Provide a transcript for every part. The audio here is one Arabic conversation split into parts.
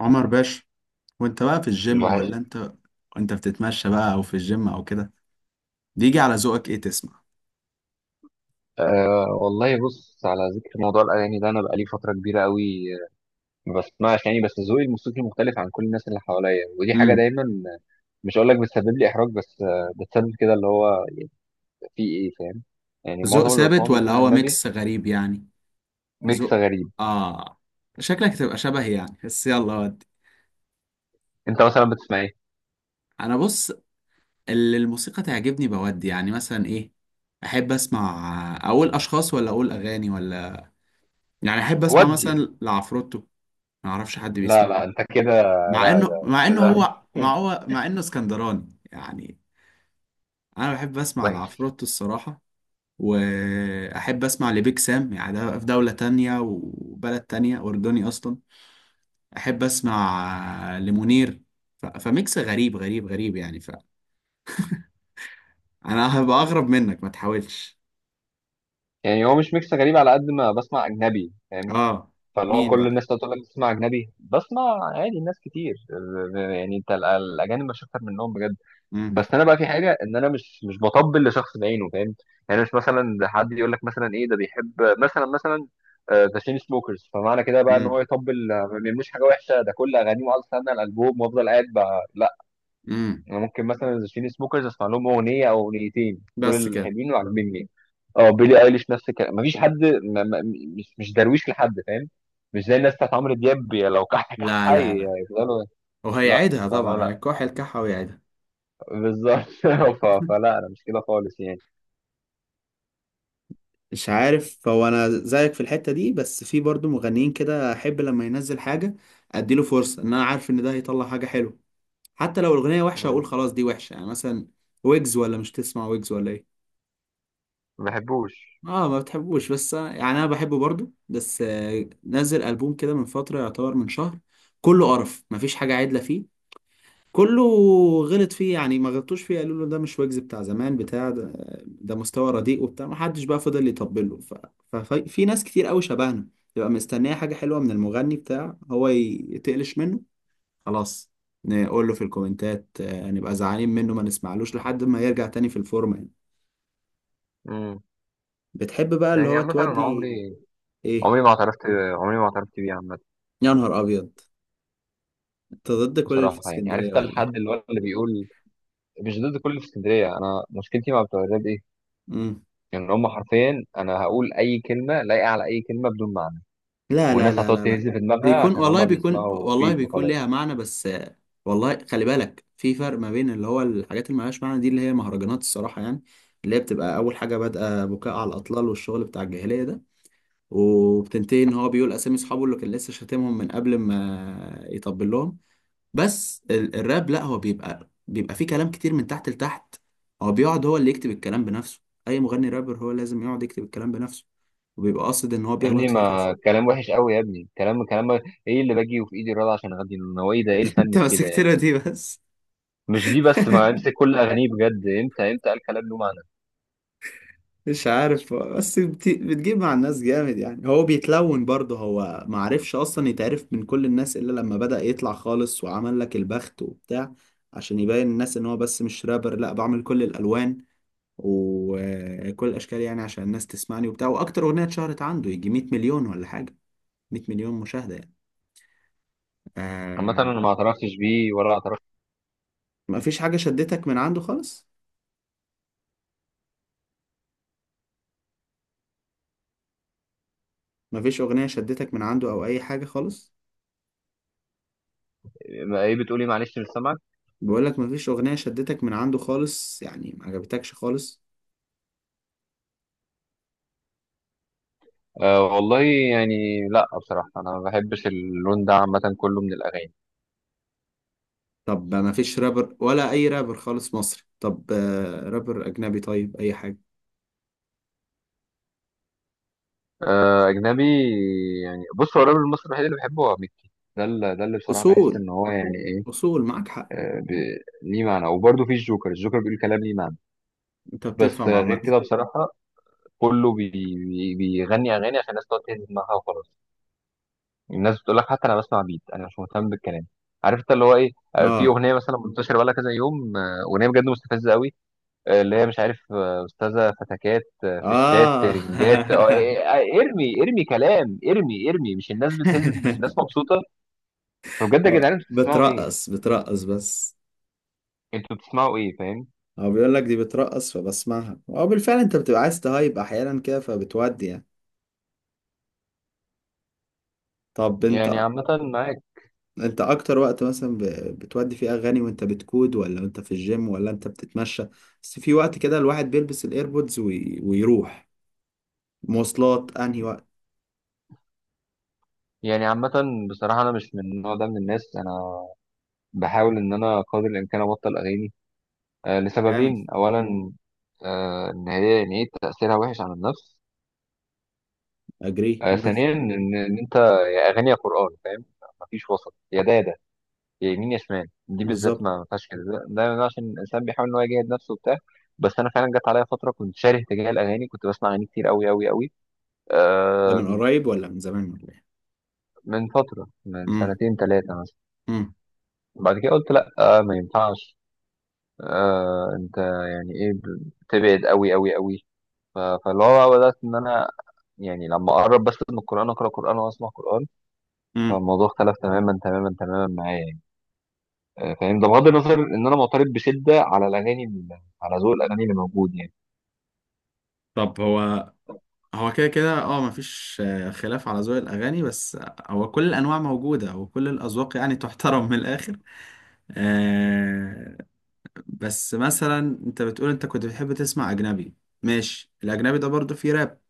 عمر باشا، وانت بقى في الجيم الوحش. ولا انت بتتمشى بقى او في الجيم او كده؟ بيجي على ذوقك ايه تسمع؟ أه والله، بص، على ذكر موضوع الأغاني ده أنا بقالي فترة كبيرة قوي ما بسمعش يعني، بس ذوقي الموسيقي مختلف عن كل الناس اللي حواليا، ودي حاجة امم. دايما مش هقول لك بتسبب لي إحراج بس بتسبب كده، اللي هو يعني في إيه، فاهم؟ يعني ذوق معظم اللي بسمعه ثابت ولا بيكون هو أجنبي. ميكس غريب يعني؟ ميكس ذوق. غريب. اه. شكلك تبقى شبه يعني، بس يلا ودي. أنت مثلا بتسمع إيه؟ انا بص، اللي الموسيقى تعجبني بودي يعني مثلا ايه، احب اسمع، اقول اشخاص ولا اقول اغاني ولا، يعني احب اسمع ودي مثلا لعفروتو. ما اعرفش حد لا بيسمع له، لا، أنت كده. مع لا انه لا، مع انه كده هو مع انه اسكندراني يعني. انا بحب اسمع وحش. لعفروتو الصراحة، واحب اسمع لبيك سام، يعني ده في دولة تانية وبلد تانية، اردني اصلا. احب اسمع لمنير. فميكس غريب غريب غريب يعني، فانا هبقى اغرب منك، ما تحاولش. يعني هو مش ميكس غريب على قد ما بسمع أجنبي، فاهم؟ اه. فاللي هو مين كل بقى؟ الناس تقول لك بتسمع اجنبي، بسمع عادي ناس كتير. يعني انت الاجانب مش اكتر منهم بجد. مم. بس انا بقى في حاجه، ان انا مش بطبل لشخص بعينه، فاهم؟ يعني مش مثلا ده حد يقول لك مثلا ايه، ده بيحب مثلا مثلا ذا تشين سموكرز، فمعنى كده بقى ان مم. هو يطبل. ما بيعملوش حاجه وحشه، ده كل اغانيه وقعد استنى الالبوم وافضل قاعد بقى. مم. انا ممكن مثلا الشين سموكرز اسمع لهم اغنيه او اغنيتين، دول بس كده. الحلوين وعاجبني. اه، بيلي ايليش نفس الكلام، مفيش حد. ما ما مش درويش لحد، فاهم؟ مش زي الناس بتاعت عمرو دياب، يا لو كح كح لا لا لا. يفضلوا. لا وهيعيدها فلا طبعا، لا هيكح الكحة ويعيدها. بالظبط فلا انا مش كده خالص يعني. مش عارف، هو انا زيك في الحتة دي، بس في برضو مغنيين كده احب لما ينزل حاجة اديله فرصة، ان انا عارف ان ده هيطلع حاجة حلوة. حتى لو الاغنيه وحشه مم. اقول خلاص دي وحشه، يعني مثلا ويجز، ولا مش تسمع ويجز ولا ايه؟ ما بحبوش. اه ما بتحبوش، بس يعني انا بحبه برضو، بس نزل البوم كده من فتره، يعتبر من شهر، كله قرف، مفيش حاجه عدله فيه. كله غلط فيه يعني، ما غلطوش فيه، قالوا له ده مش ويجز بتاع زمان بتاع ده، ده مستوى رديء وبتاع، ما حدش بقى فضل يطبل له. ففي ناس كتير قوي شبهنا تبقى مستنيه حاجه حلوه من المغني بتاع هو، يتقلش منه خلاص، نقول له في الكومنتات نبقى زعلانين منه، ما نسمعلوش لحد ما يرجع تاني في الفورمة يعني. مم. بتحب بقى اللي يعني هو عامة أنا تودي؟ عمري، ايه؟ عمري ما اعترفت، عمري ما اعترفت بيه عامة. يا نهار ابيض، انت ضد كل اللي في بصراحة يعني اسكندرية عرفت ولا ايه؟ الحد اللي هو اللي بيقول، مش ضد كل اللي في اسكندرية، أنا مشكلتي مع بتوع الراب إيه؟ مم. ان هم حرفيا، انا هقول اي كلمه لايقه على اي كلمه بدون معنى، لا لا والناس لا هتقعد لا لا. تهز في دماغها بيكون عشان والله، هم بيكون بيسمعوا والله، بيت بيكون ليها وخلاص. معنى، بس والله خلي بالك، في فرق ما بين اللي هو الحاجات اللي ملهاش معنى دي، اللي هي مهرجانات الصراحة يعني، اللي هي بتبقى أول حاجة بادئة بكاء على الأطلال والشغل بتاع الجاهلية ده، وبتنتهي إن هو بيقول أسامي أصحابه اللي كان لسه شاتمهم من قبل ما يطبل لهم. بس الراب لا، هو بيبقى فيه كلام كتير من تحت لتحت. هو بيقعد، هو اللي يكتب الكلام بنفسه، اي مغني رابر هو لازم يقعد يكتب الكلام بنفسه، وبيبقى قاصد ان هو يا ابني بيغلط في كذا. ما الكلام وحش قوي يا ابني، كلام كلام ايه اللي باجي وفي ايدي الرضا عشان اغني له هو، ايه ده، ايه الفن انت في كده يعني؟ مسكتنا دي بس. مش دي بس، ما امسك كل اغانيه بجد، امتى امتى قال كلام له معنى؟ مش عارف، بس بتجيب مع الناس جامد يعني، هو بيتلون برضه، هو معرفش اصلا يتعرف من كل الناس الا لما بدأ يطلع خالص وعمل لك البخت وبتاع، عشان يبين الناس ان هو بس مش رابر، لا بعمل كل الالوان وكل الاشكال يعني، عشان الناس تسمعني وبتاع، واكتر اغنيه اتشهرت عنده يجي 100 مليون ولا حاجه، 100 مليون مشاهده يعني. عامة آه. انا ما اعترفتش بيه ولا اعترفت. ما فيش حاجه شدتك من عنده خالص؟ ما فيش اغنيه شدتك من عنده او اي حاجه خالص؟ ايه بتقولي؟ معلش مش سامعك. بقول لك ما فيش اغنيه شدتك من عنده خالص، يعني ما عجبتكش خالص؟ أه والله يعني، لا بصراحة انا ما بحبش اللون ده عامة، كله من الاغاني. طب ما فيش رابر، ولا اي رابر خالص مصري؟ طب رابر اجنبي، طيب اي حاجه. اجنبي. يعني بص، هو الراجل المصري الوحيد اللي بحبه هو مكي. ده اللي ده اللي بصراحه بحس اصول، ان هو يعني ايه. اصول معاك حق. ليه معنى. وبرده في الجوكر، الجوكر بيقول كلام ليه معنى. انت بس بتفهم غير عامه. كده بصراحه كله بي. بيغني اغاني عشان الناس تقعد تهز دماغها وخلاص. الناس بتقول لك حتى انا بسمع بيت، انا مش مهتم بالكلام. عارف انت اللي هو ايه؟ في اه. اغنيه مثلا منتشره بقالها كذا يوم، اغنيه بجد مستفزه قوي اللي هي مش عارف استاذه فتكات في الشات اه. ترنجات، ارمي ارمي كلام، ارمي ارمي، مش الناس بتهز، مش الناس مبسوطه. فبجد يا جدعان اه، انتوا بتسمعوا ايه؟ بترقص بترقص بس. انتوا بتسمعوا ايه، فاهم؟ هو بيقول لك دي بترقص، فبسمعها اه بالفعل، انت بتبقى عايز تهايب احيانا كده، فبتودي يعني. طب يعني انت، عامه معاك. انت اكتر وقت مثلا بتودي فيه اغاني، وانت بتكود، ولا انت في الجيم، ولا انت بتتمشى؟ بس في وقت كده الواحد بيلبس الايربودز ويروح مواصلات، انهي وقت؟ يعني عامه بصراحه انا مش من النوع ده من الناس، انا بحاول ان انا قدر الامكان ابطل اغاني. جامد. لسببين، اولا ان هي يعني ايه تاثيرها وحش على النفس. اجري موافق. ثانيا ان انت يا اغاني يا قران، فاهم؟ مفيش وسط، يا ده يا ده، يا يمين يا شمال. دي بالذات بالظبط. ما فيهاش كده، ده أنا عشان الانسان بيحاول ان هو يجاهد نفسه وبتاع. بس انا فعلا جت عليا فتره كنت شاره تجاه الاغاني، كنت بسمع اغاني كتير قوي قوي قوي. ده آه. من قريب ولا من زمان ولا ايه؟ من فتره، من امم. سنتين ثلاثه مثلا. امم. بعد كده قلت لا آه، ما ينفعش. آه انت يعني ايه، بتبعد قوي قوي قوي. فاللي هو بدات ان انا يعني لما اقرب بس من القران، اقرا قران واسمع قران. امم. فالموضوع اختلف تماما تماما تماما معايا يعني. فاهم؟ ده بغض النظر ان انا معترض بشده على الاغاني على ذوق الاغاني اللي موجود يعني. طب هو، هو كده كده اه، مفيش خلاف على ذوق الاغاني، بس هو كل الانواع موجوده، وكل الاذواق يعني تحترم من الاخر. آه. بس مثلا، انت بتقول انت كنت بتحب تسمع اجنبي، ماشي، الاجنبي ده برضو فيه راب،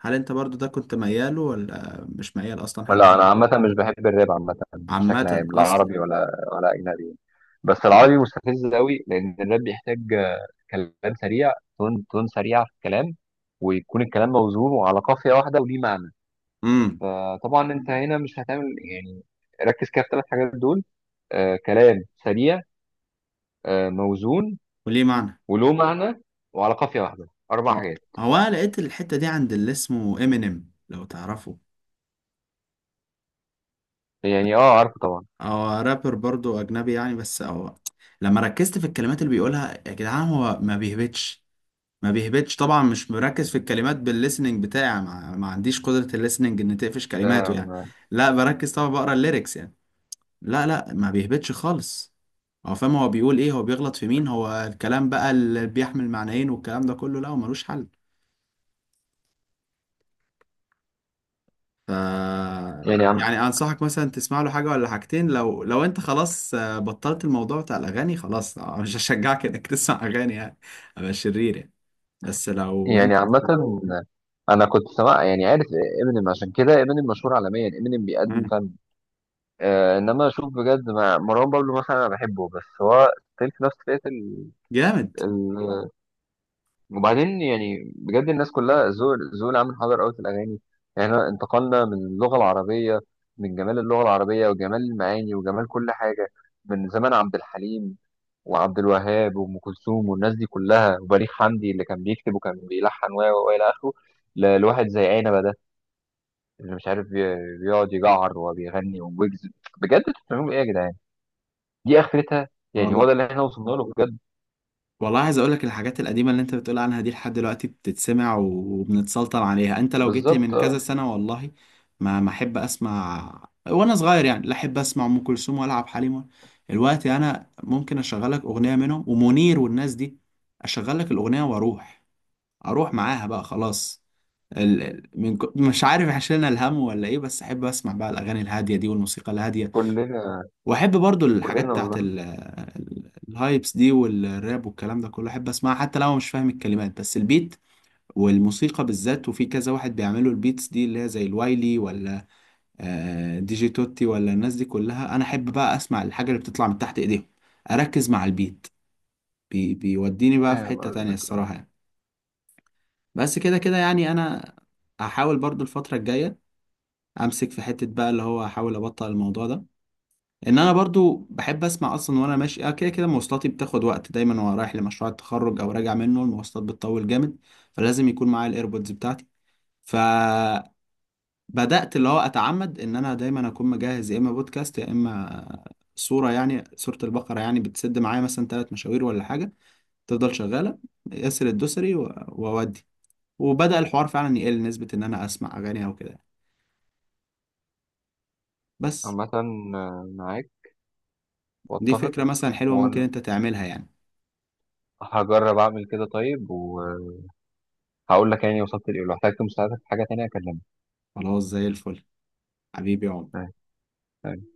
هل انت برضو ده كنت مياله، ولا مش ميال اصلا حتى لا لده؟ انا عامه مش بحب الراب عامه بشكل عامه عام، لا اصلا. عربي ولا اجنبي. بس العربي مستفز قوي، لان الراب بيحتاج كلام سريع، تون تون سريع في الكلام، ويكون الكلام موزون وعلى قافيه واحده وليه معنى. امم. فطبعا انت هنا مش هتعمل يعني. ركز كده في الثلاث حاجات دول: آه كلام سريع، آه موزون، وليه معنى. وله معنى، وعلى قافيه واحده. اربع اه، حاجات. هو أنا لقيت الحته دي عند اللي اسمه امينيم لو تعرفه، يعني اه عارفه طبعا. هو رابر برضو اجنبي يعني، بس هو لما ركزت في الكلمات اللي بيقولها يا جدعان، هو ما بيهبطش، ما بيهبطش طبعا، مش مركز في الكلمات بالليسننج بتاعي، ما عنديش قدرة الليسننج ان تقفش ده كلماته يعني. لا بركز طبعا، بقرا الليركس يعني. لا لا، ما بيهبطش خالص، هو فاهم هو بيقول ايه، هو بيغلط في مين، هو الكلام بقى اللي بيحمل معنيين والكلام ده كله، لا هو ملوش حل. ف يعني يعني انصحك مثلا تسمع له حاجه ولا حاجتين، لو انت خلاص بطلت الموضوع بتاع الاغاني خلاص، مش هشجعك انك تسمع اغاني يعني، ابقى شرير يعني، بس لو يعني انت. عامة أنا كنت سمع يعني عارف إمينيم. عشان كده إمينيم مشهور عالميا، إمينيم بيقدم مم. فن. آه إنما أشوف بجد مع مروان بابلو مثلا، أنا بحبه بس هو ستيل في نفس فئة ال... جامد. ال... وبعدين يعني بجد الناس كلها ذوق. ذوق العام حاضر أوي في الأغاني. يعني إحنا انتقلنا من اللغة العربية، من جمال اللغة العربية وجمال المعاني وجمال كل حاجة، من زمان عبد الحليم وعبد الوهاب وام كلثوم والناس دي كلها وبليغ حمدي اللي كان بيكتب وكان بيلحن، و الى اخره، لواحد زي عنبه ده اللي مش عارف بيقعد يجعر وبيغني ويجز. بجد انتوا بتعملوا ايه يا جدعان؟ دي اخرتها. يعني هو ده والله، اللي احنا وصلنا له بجد. والله عايز اقول لك، الحاجات القديمه اللي انت بتقول عنها دي، لحد دلوقتي بتتسمع وبنتسلطن عليها، انت لو جيت لي من بالظبط اه. كذا سنه والله ما احب اسمع وانا صغير يعني، لا احب اسمع ام كلثوم، ولا عبد الحليم دلوقتي انا ممكن اشغل لك اغنيه منهم ومنير والناس دي، اشغل لك الاغنيه واروح، اروح معاها بقى خلاص. مش عارف، عشان الهم ولا ايه، بس احب اسمع بقى الاغاني الهاديه دي والموسيقى الهاديه. كلنا. واحب برضو الحاجات كلنا بتاعت والله. الهايبس دي، والراب والكلام ده كله، احب اسمعها حتى لو أنا مش فاهم الكلمات، بس البيت والموسيقى بالذات، وفي كذا واحد بيعملوا البيتس دي اللي هي زي الوايلي ولا دي جي توتي، ولا الناس دي كلها، انا احب بقى اسمع الحاجة اللي بتطلع من تحت ايديهم، اركز مع البيت، بيوديني بقى في فاهم حتة تانية قصدك اه. الصراحة يعني. بس كده كده يعني انا هحاول برضو الفترة الجاية امسك في حتة، بقى اللي هو احاول ابطل الموضوع ده، ان انا برضو بحب اسمع اصلا وانا ماشي، كده كده مواصلاتي بتاخد وقت دايما، وانا رايح لمشروع التخرج او راجع منه المواصلات بتطول جامد، فلازم يكون معايا الايربودز بتاعتي. فبدات، اللي هو اتعمد ان انا دايما اكون مجهز يا اما بودكاست يا اما صوره، يعني صوره البقره يعني بتسد معايا مثلا 3 مشاوير ولا حاجه، تفضل شغاله، ياسر الدوسري واودي، وبدا الحوار فعلا يقل نسبه ان انا اسمع اغاني او كده. بس عامة معاك دي واتفق. فكره مثلا حلوه، ممكن وانا انت تعملها يعني. هجرب اعمل كده طيب، وهقول لك يعني وصلت لايه. لو احتجت مساعدة في حاجة تانية اكلمك. خلاص زي الفل، حبيبي يا عمر. آه.